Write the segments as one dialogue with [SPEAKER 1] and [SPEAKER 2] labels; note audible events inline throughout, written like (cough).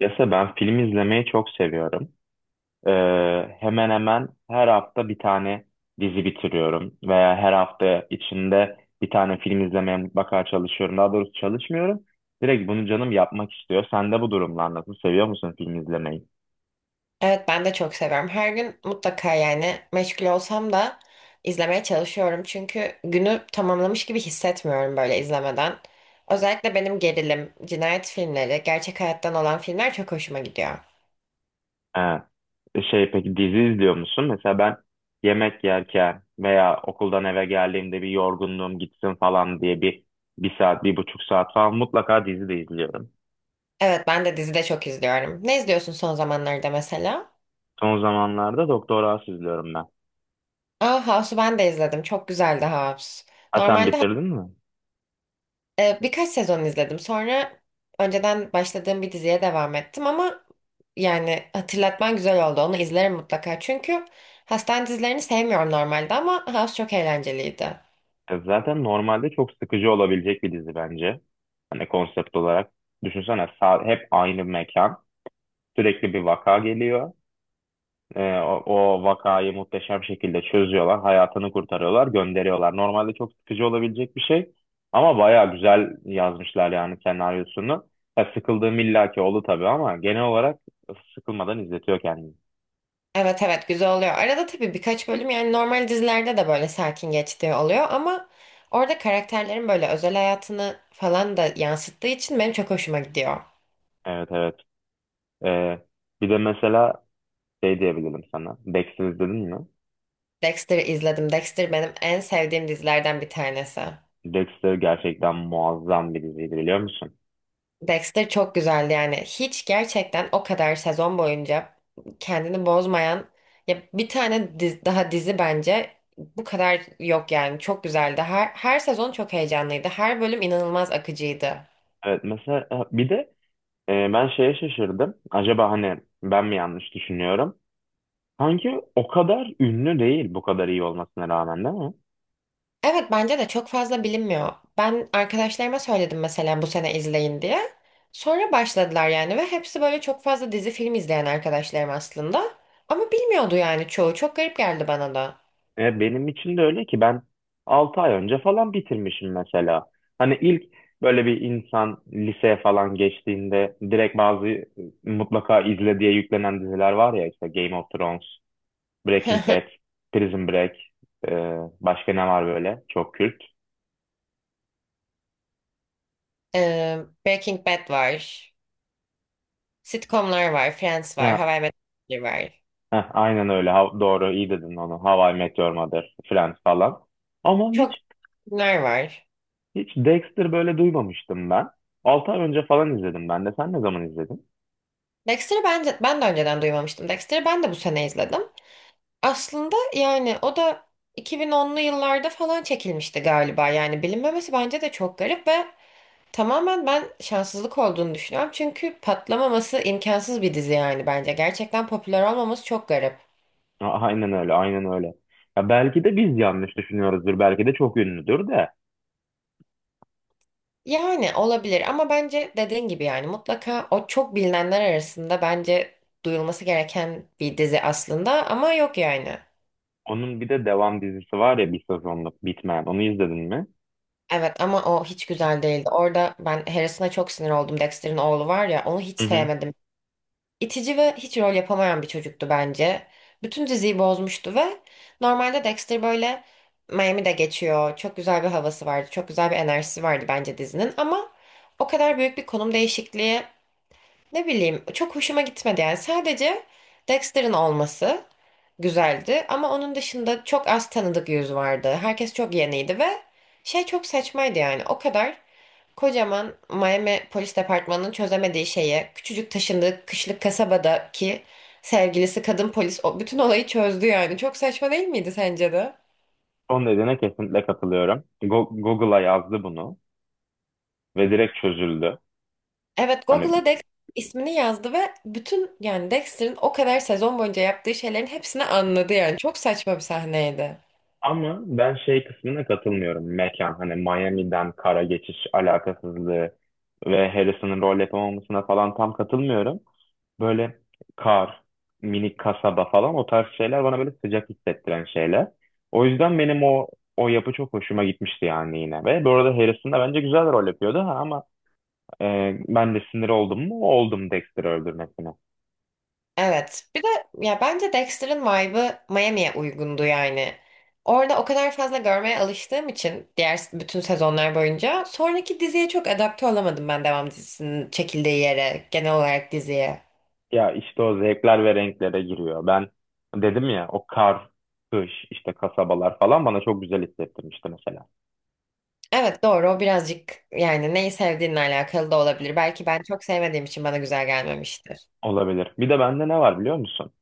[SPEAKER 1] Yasa ben film izlemeyi çok seviyorum. Ee, Hemen hemen her hafta bir tane dizi bitiriyorum veya her hafta içinde bir tane film izlemeye mutlaka çalışıyorum. Daha doğrusu çalışmıyorum. Direkt bunu canım yapmak istiyor. Sen de bu durumlar nasıl? Seviyor musun film izlemeyi?
[SPEAKER 2] Evet ben de çok seviyorum. Her gün mutlaka yani meşgul olsam da izlemeye çalışıyorum. Çünkü günü tamamlamış gibi hissetmiyorum böyle izlemeden. Özellikle benim gerilim, cinayet filmleri, gerçek hayattan olan filmler çok hoşuma gidiyor.
[SPEAKER 1] Ha. Şey peki dizi izliyor musun? Mesela ben yemek yerken veya okuldan eve geldiğimde bir yorgunluğum gitsin falan diye bir saat, bir buçuk saat falan mutlaka dizi de izliyorum.
[SPEAKER 2] Evet ben de dizi de çok izliyorum. Ne izliyorsun son zamanlarda mesela?
[SPEAKER 1] Son zamanlarda Doktor House izliyorum ben.
[SPEAKER 2] Aa, House'u ben de izledim. Çok güzeldi House.
[SPEAKER 1] Ha, sen
[SPEAKER 2] Normalde
[SPEAKER 1] bitirdin mi?
[SPEAKER 2] Birkaç sezon izledim. Sonra önceden başladığım bir diziye devam ettim ama yani hatırlatman güzel oldu. Onu izlerim mutlaka. Çünkü hastane dizilerini sevmiyorum normalde ama House çok eğlenceliydi.
[SPEAKER 1] Zaten normalde çok sıkıcı olabilecek bir dizi bence. Hani konsept olarak. Düşünsene hep aynı mekan. Sürekli bir vaka geliyor. O vakayı muhteşem şekilde çözüyorlar. Hayatını kurtarıyorlar, gönderiyorlar. Normalde çok sıkıcı olabilecek bir şey. Ama baya güzel yazmışlar yani senaryosunu. Ya, sıkıldığım illaki oldu tabii ama genel olarak sıkılmadan izletiyor kendini.
[SPEAKER 2] Evet, evet, güzel oluyor. Arada tabii birkaç bölüm yani normal dizilerde de böyle sakin geçtiği oluyor ama orada karakterlerin böyle özel hayatını falan da yansıttığı için benim çok hoşuma gidiyor.
[SPEAKER 1] Evet, evet. E, bir de mesela şey diyebilirim sana. Dexter izledin mi?
[SPEAKER 2] Dexter'ı izledim. Dexter benim en sevdiğim dizilerden bir tanesi.
[SPEAKER 1] Dexter gerçekten muazzam bir diziydi biliyor musun?
[SPEAKER 2] Dexter çok güzeldi yani. Hiç gerçekten o kadar sezon boyunca kendini bozmayan ya bir tane daha dizi bence bu kadar yok yani. Çok güzeldi. Her sezon çok heyecanlıydı. Her bölüm inanılmaz akıcıydı.
[SPEAKER 1] Evet, mesela bir de ben şeye şaşırdım. Acaba hani ben mi yanlış düşünüyorum? Sanki o kadar ünlü değil bu kadar iyi olmasına rağmen, değil mi?
[SPEAKER 2] Evet, bence de çok fazla bilinmiyor. Ben arkadaşlarıma söyledim mesela bu sene izleyin diye. Sonra başladılar yani ve hepsi böyle çok fazla dizi film izleyen arkadaşlarım aslında. Ama bilmiyordu yani çoğu. Çok garip geldi bana da.
[SPEAKER 1] Benim için de öyle ki ben 6 ay önce falan bitirmişim mesela. Hani ilk böyle bir insan liseye falan geçtiğinde direkt bazı mutlaka izle diye yüklenen diziler var ya, işte Game of Thrones, Breaking Bad,
[SPEAKER 2] (laughs)
[SPEAKER 1] Prison Break, e, başka ne var böyle çok kült.
[SPEAKER 2] Ee, Breaking Bad var. Sitcomlar var. Friends var. How
[SPEAKER 1] Ha,
[SPEAKER 2] I Met Your Mother var.
[SPEAKER 1] ha, aynen öyle. Doğru, iyi dedin onu. How I Met Your Mother, Friends falan. Ama hiç
[SPEAKER 2] Çok filmler var.
[SPEAKER 1] hiç Dexter böyle duymamıştım ben. 6 ay önce falan izledim ben de. Sen ne zaman izledin?
[SPEAKER 2] Dexter'ı bence ben de önceden duymamıştım. Dexter'ı ben de bu sene izledim. Aslında yani o da 2010'lu yıllarda falan çekilmişti galiba. Yani bilinmemesi bence de çok garip ve tamamen ben şanssızlık olduğunu düşünüyorum. Çünkü patlamaması imkansız bir dizi yani bence. Gerçekten popüler olmaması çok garip.
[SPEAKER 1] Aynen öyle, aynen öyle. Ya belki de biz yanlış düşünüyoruzdur. Belki de çok ünlüdür de.
[SPEAKER 2] Yani olabilir ama bence dediğin gibi yani mutlaka o çok bilinenler arasında bence duyulması gereken bir dizi aslında ama yok yani.
[SPEAKER 1] Onun bir de devam dizisi var ya, bir sezonluk bitmeyen. Onu izledin mi?
[SPEAKER 2] Evet ama o hiç güzel değildi. Orada ben Harrison'a çok sinir oldum. Dexter'in oğlu var ya, onu hiç
[SPEAKER 1] Hı hı.
[SPEAKER 2] sevmedim. İtici ve hiç rol yapamayan bir çocuktu bence. Bütün diziyi bozmuştu ve normalde Dexter böyle Miami'de geçiyor. Çok güzel bir havası vardı. Çok güzel bir enerjisi vardı bence dizinin ama o kadar büyük bir konum değişikliği ne bileyim çok hoşuma gitmedi yani. Sadece Dexter'ın olması güzeldi ama onun dışında çok az tanıdık yüz vardı. Herkes çok yeniydi ve şey çok saçmaydı yani. O kadar kocaman Miami Polis Departmanı'nın çözemediği şeye küçücük taşındığı kışlık kasabadaki sevgilisi kadın polis o bütün olayı çözdü yani. Çok saçma değil miydi sence de?
[SPEAKER 1] Son dediğine kesinlikle katılıyorum. Google'a yazdı bunu ve direkt çözüldü.
[SPEAKER 2] Evet,
[SPEAKER 1] Hani,
[SPEAKER 2] Google'a Dexter ismini yazdı ve bütün yani Dexter'ın o kadar sezon boyunca yaptığı şeylerin hepsini anladı yani. Çok saçma bir sahneydi.
[SPEAKER 1] ama ben şey kısmına katılmıyorum. Mekan hani Miami'den kara geçiş alakasızlığı ve Harrison'ın rol yapamamasına falan tam katılmıyorum. Böyle kar, minik kasaba falan, o tarz şeyler bana böyle sıcak hissettiren şeyler. O yüzden benim o yapı çok hoşuma gitmişti yani, yine. Ve bu arada Harrison da bence güzel rol yapıyordu ha, ama e, ben de sinir oldum mu? Oldum, Dexter'ı öldürmesine.
[SPEAKER 2] Evet. Bir de ya bence Dexter'ın vibe'ı Miami'ye uygundu yani. Orada o kadar fazla görmeye alıştığım için diğer bütün sezonlar boyunca sonraki diziye çok adapte olamadım ben devam dizisinin çekildiği yere, genel olarak diziye.
[SPEAKER 1] Ya, işte o zevkler ve renklere giriyor. Ben dedim ya, o kar, kış, işte kasabalar falan bana çok güzel hissettirmişti mesela.
[SPEAKER 2] Evet, doğru, o birazcık yani neyi sevdiğinle alakalı da olabilir. Belki ben çok sevmediğim için bana güzel gelmemiştir.
[SPEAKER 1] Olabilir. Bir de bende ne var biliyor musun?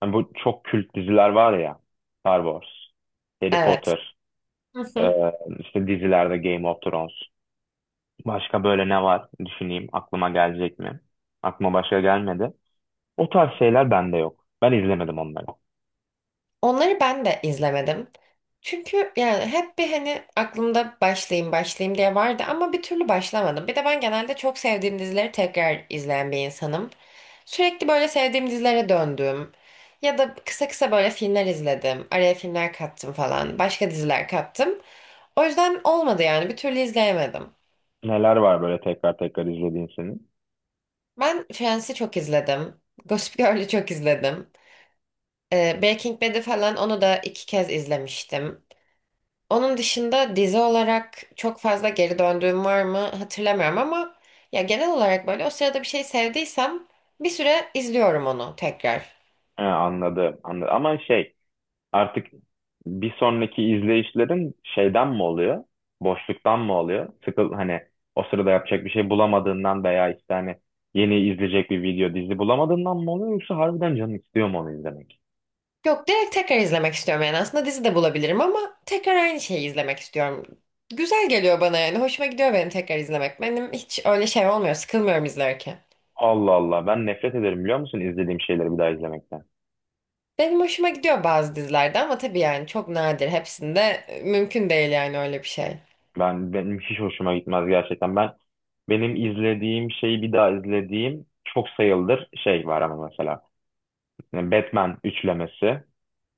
[SPEAKER 1] Hani bu çok kült diziler var ya. Star Wars, Harry
[SPEAKER 2] Evet.
[SPEAKER 1] Potter, e,
[SPEAKER 2] (laughs)
[SPEAKER 1] işte dizilerde Game of Thrones. Başka böyle ne var? Düşüneyim, aklıma gelecek mi? Aklıma başka gelmedi. O tarz şeyler bende yok. Ben izlemedim onları.
[SPEAKER 2] Onları ben de izlemedim. Çünkü yani hep bir hani aklımda başlayayım başlayayım diye vardı ama bir türlü başlamadım. Bir de ben genelde çok sevdiğim dizileri tekrar izleyen bir insanım. Sürekli böyle sevdiğim dizilere döndüm. Ya da kısa kısa böyle filmler izledim. Araya filmler kattım falan. Başka diziler kattım. O yüzden olmadı yani bir türlü izleyemedim.
[SPEAKER 1] Neler var böyle tekrar tekrar izlediğin senin?
[SPEAKER 2] Ben Friends'i çok izledim. Gossip Girl'ü çok izledim. Breaking Bad'i falan, onu da iki kez izlemiştim. Onun dışında dizi olarak çok fazla geri döndüğüm var mı hatırlamıyorum ama ya genel olarak böyle o sırada bir şey sevdiysem bir süre izliyorum onu tekrar.
[SPEAKER 1] He, anladım, anladım. Ama şey... Artık bir sonraki izleyişlerin şeyden mi oluyor? Boşluktan mı oluyor? Hani o sırada yapacak bir şey bulamadığından veya işte hani yeni izleyecek bir video dizi bulamadığından mı oluyor, yoksa harbiden canın istiyor mu onu izlemek?
[SPEAKER 2] Yok, direkt tekrar izlemek istiyorum yani, aslında dizi de bulabilirim ama tekrar aynı şeyi izlemek istiyorum. Güzel geliyor bana yani hoşuma gidiyor benim tekrar izlemek. Benim hiç öyle şey olmuyor, sıkılmıyorum izlerken.
[SPEAKER 1] Allah Allah, ben nefret ederim biliyor musun izlediğim şeyleri bir daha izlemekten.
[SPEAKER 2] Benim hoşuma gidiyor bazı dizilerde ama tabii yani çok nadir, hepsinde mümkün değil yani öyle bir şey.
[SPEAKER 1] Benim hiç hoşuma gitmez gerçekten. Benim izlediğim şeyi bir daha izlediğim çok sayılır şey var ama mesela, yani Batman üçlemesi,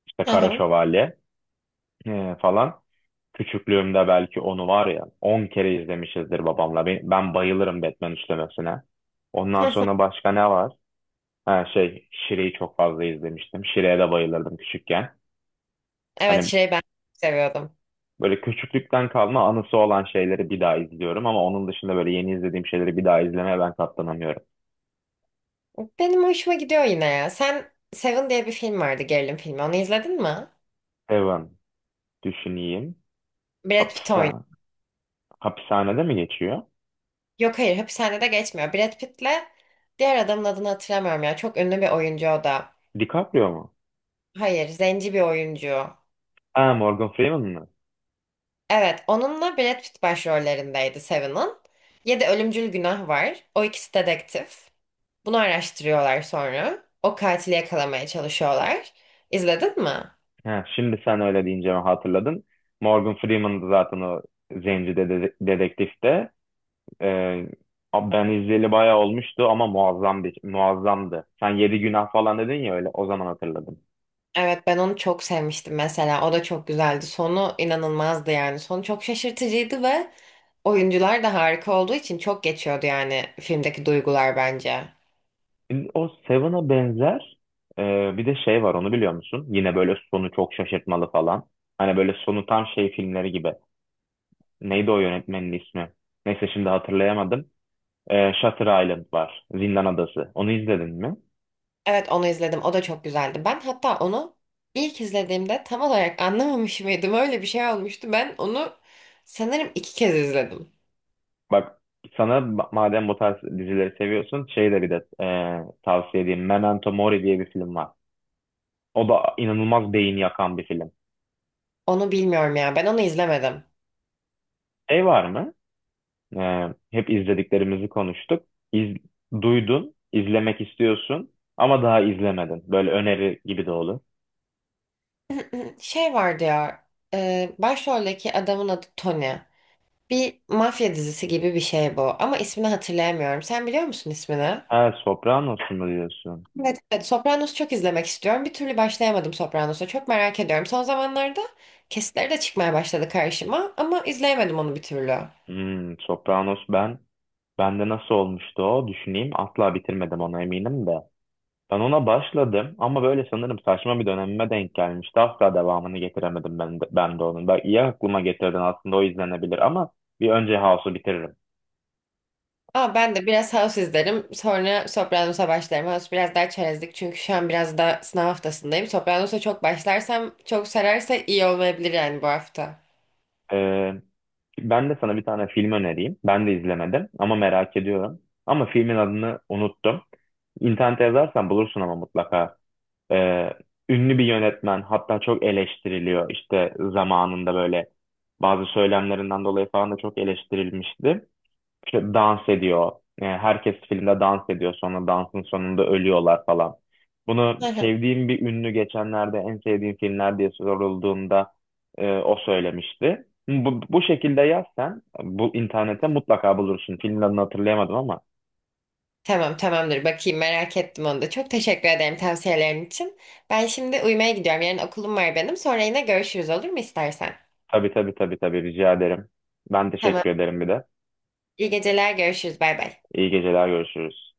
[SPEAKER 1] işte
[SPEAKER 2] Hı
[SPEAKER 1] Kara
[SPEAKER 2] hı.
[SPEAKER 1] Şövalye falan. Küçüklüğümde belki onu var ya 10 kere izlemişizdir babamla. Ben bayılırım Batman üçlemesine. Ondan sonra
[SPEAKER 2] (laughs)
[SPEAKER 1] başka ne var? Ha şey, Şire'yi çok fazla izlemiştim. Şire'ye de bayılırdım küçükken.
[SPEAKER 2] Evet,
[SPEAKER 1] Hani
[SPEAKER 2] şey ben seviyordum.
[SPEAKER 1] böyle küçüklükten kalma anısı olan şeyleri bir daha izliyorum ama onun dışında böyle yeni izlediğim şeyleri bir daha izlemeye ben katlanamıyorum.
[SPEAKER 2] Benim hoşuma gidiyor yine ya. Sen Seven diye bir film vardı, gerilim filmi. Onu izledin mi?
[SPEAKER 1] Evan, düşüneyim.
[SPEAKER 2] Brad Pitt oynuyor.
[SPEAKER 1] Hapsa, hapishanede mi geçiyor?
[SPEAKER 2] Yok, hayır, hapishanede geçmiyor. Brad Pitt'le diğer adamın adını hatırlamıyorum ya. Çok ünlü bir oyuncu o da.
[SPEAKER 1] DiCaprio mu?
[SPEAKER 2] Hayır, zenci bir oyuncu.
[SPEAKER 1] Ha, Morgan Freeman mı?
[SPEAKER 2] Evet, onunla Brad Pitt başrollerindeydi Seven'ın. Yedi ölümcül günah var. O ikisi dedektif. Bunu araştırıyorlar sonra. O katili yakalamaya çalışıyorlar. İzledin mi?
[SPEAKER 1] He, şimdi sen öyle deyince mi hatırladın. Morgan Freeman'dı zaten o zenci dedektifte. Ee, abi ben izleyeli bayağı olmuştu ama muazzamdı. Sen Yedi Günah falan dedin ya, öyle o zaman hatırladım.
[SPEAKER 2] Evet, ben onu çok sevmiştim mesela. O da çok güzeldi. Sonu inanılmazdı yani. Sonu çok şaşırtıcıydı ve oyuncular da harika olduğu için çok geçiyordu yani filmdeki duygular bence.
[SPEAKER 1] O Seven'a benzer, bir de şey var, onu biliyor musun? Yine böyle sonu çok şaşırtmalı falan. Hani böyle sonu tam şey filmleri gibi. Neydi o yönetmenin ismi? Neyse, şimdi hatırlayamadım. Shutter Island var. Zindan Adası. Onu izledin mi?
[SPEAKER 2] Evet, onu izledim. O da çok güzeldi. Ben hatta onu ilk izlediğimde tam olarak (laughs) anlamamış mıydım? Öyle bir şey olmuştu. Ben onu sanırım iki kez izledim.
[SPEAKER 1] Bak, sana madem bu tarz dizileri seviyorsun şey de, bir de tavsiye edeyim. Memento Mori diye bir film var. O da inanılmaz beyin yakan bir film.
[SPEAKER 2] Onu bilmiyorum ya. Ben onu izlemedim.
[SPEAKER 1] Şey var mı? E, hep izlediklerimizi konuştuk. İz, duydun, izlemek istiyorsun ama daha izlemedin. Böyle öneri gibi de olur.
[SPEAKER 2] (clears throat) Şey vardı ya. Başroldeki adamın adı Tony. Bir mafya dizisi gibi bir şey bu ama ismini hatırlayamıyorum. Sen biliyor musun ismini?
[SPEAKER 1] Ha, Sopranos mu diyorsun?
[SPEAKER 2] Evet, evet. Sopranos'u çok izlemek istiyorum. Bir türlü başlayamadım Sopranos'a. Çok merak ediyorum. Son zamanlarda kesitleri de çıkmaya başladı karşıma ama izleyemedim onu bir türlü.
[SPEAKER 1] Sopranos bende nasıl olmuştu o? Düşüneyim. Asla bitirmedim ona, eminim de. Ben ona başladım ama böyle sanırım saçma bir dönemime denk gelmişti. Asla devamını getiremedim ben de, onun. Bak, iyi aklıma getirdin, aslında o izlenebilir ama bir önce House'u bitiririm.
[SPEAKER 2] Ama ben de biraz House izlerim. Sonra Sopranos'a başlarım. House biraz daha çerezlik çünkü şu an biraz da sınav haftasındayım. Sopranos'a çok başlarsam, çok sararsa iyi olmayabilir yani bu hafta.
[SPEAKER 1] Ee, ben de sana bir tane film önereyim. Ben de izlemedim ama merak ediyorum. Ama filmin adını unuttum. İnternete yazarsan bulursun ama mutlaka. Ee, ünlü bir yönetmen, hatta çok eleştiriliyor. İşte zamanında böyle bazı söylemlerinden dolayı falan da çok eleştirilmişti. İşte dans ediyor. Yani herkes filmde dans ediyor. Sonra dansın sonunda ölüyorlar falan. Bunu
[SPEAKER 2] (laughs)
[SPEAKER 1] sevdiğim bir ünlü geçenlerde en sevdiğim filmler diye sorulduğunda o söylemişti. Bu şekilde yazsan bu internete mutlaka bulursun. Filmin adını hatırlayamadım ama.
[SPEAKER 2] Tamam, tamamdır, bakayım, merak ettim onu da. Çok teşekkür ederim tavsiyelerin için. Ben şimdi uyumaya gidiyorum. Yarın okulum var benim. Sonra yine görüşürüz olur mu istersen?
[SPEAKER 1] Tabii, tabii, tabii, tabii, rica ederim. Ben
[SPEAKER 2] Tamam.
[SPEAKER 1] teşekkür ederim bir de.
[SPEAKER 2] İyi geceler, görüşürüz. Bay bay.
[SPEAKER 1] İyi geceler, görüşürüz.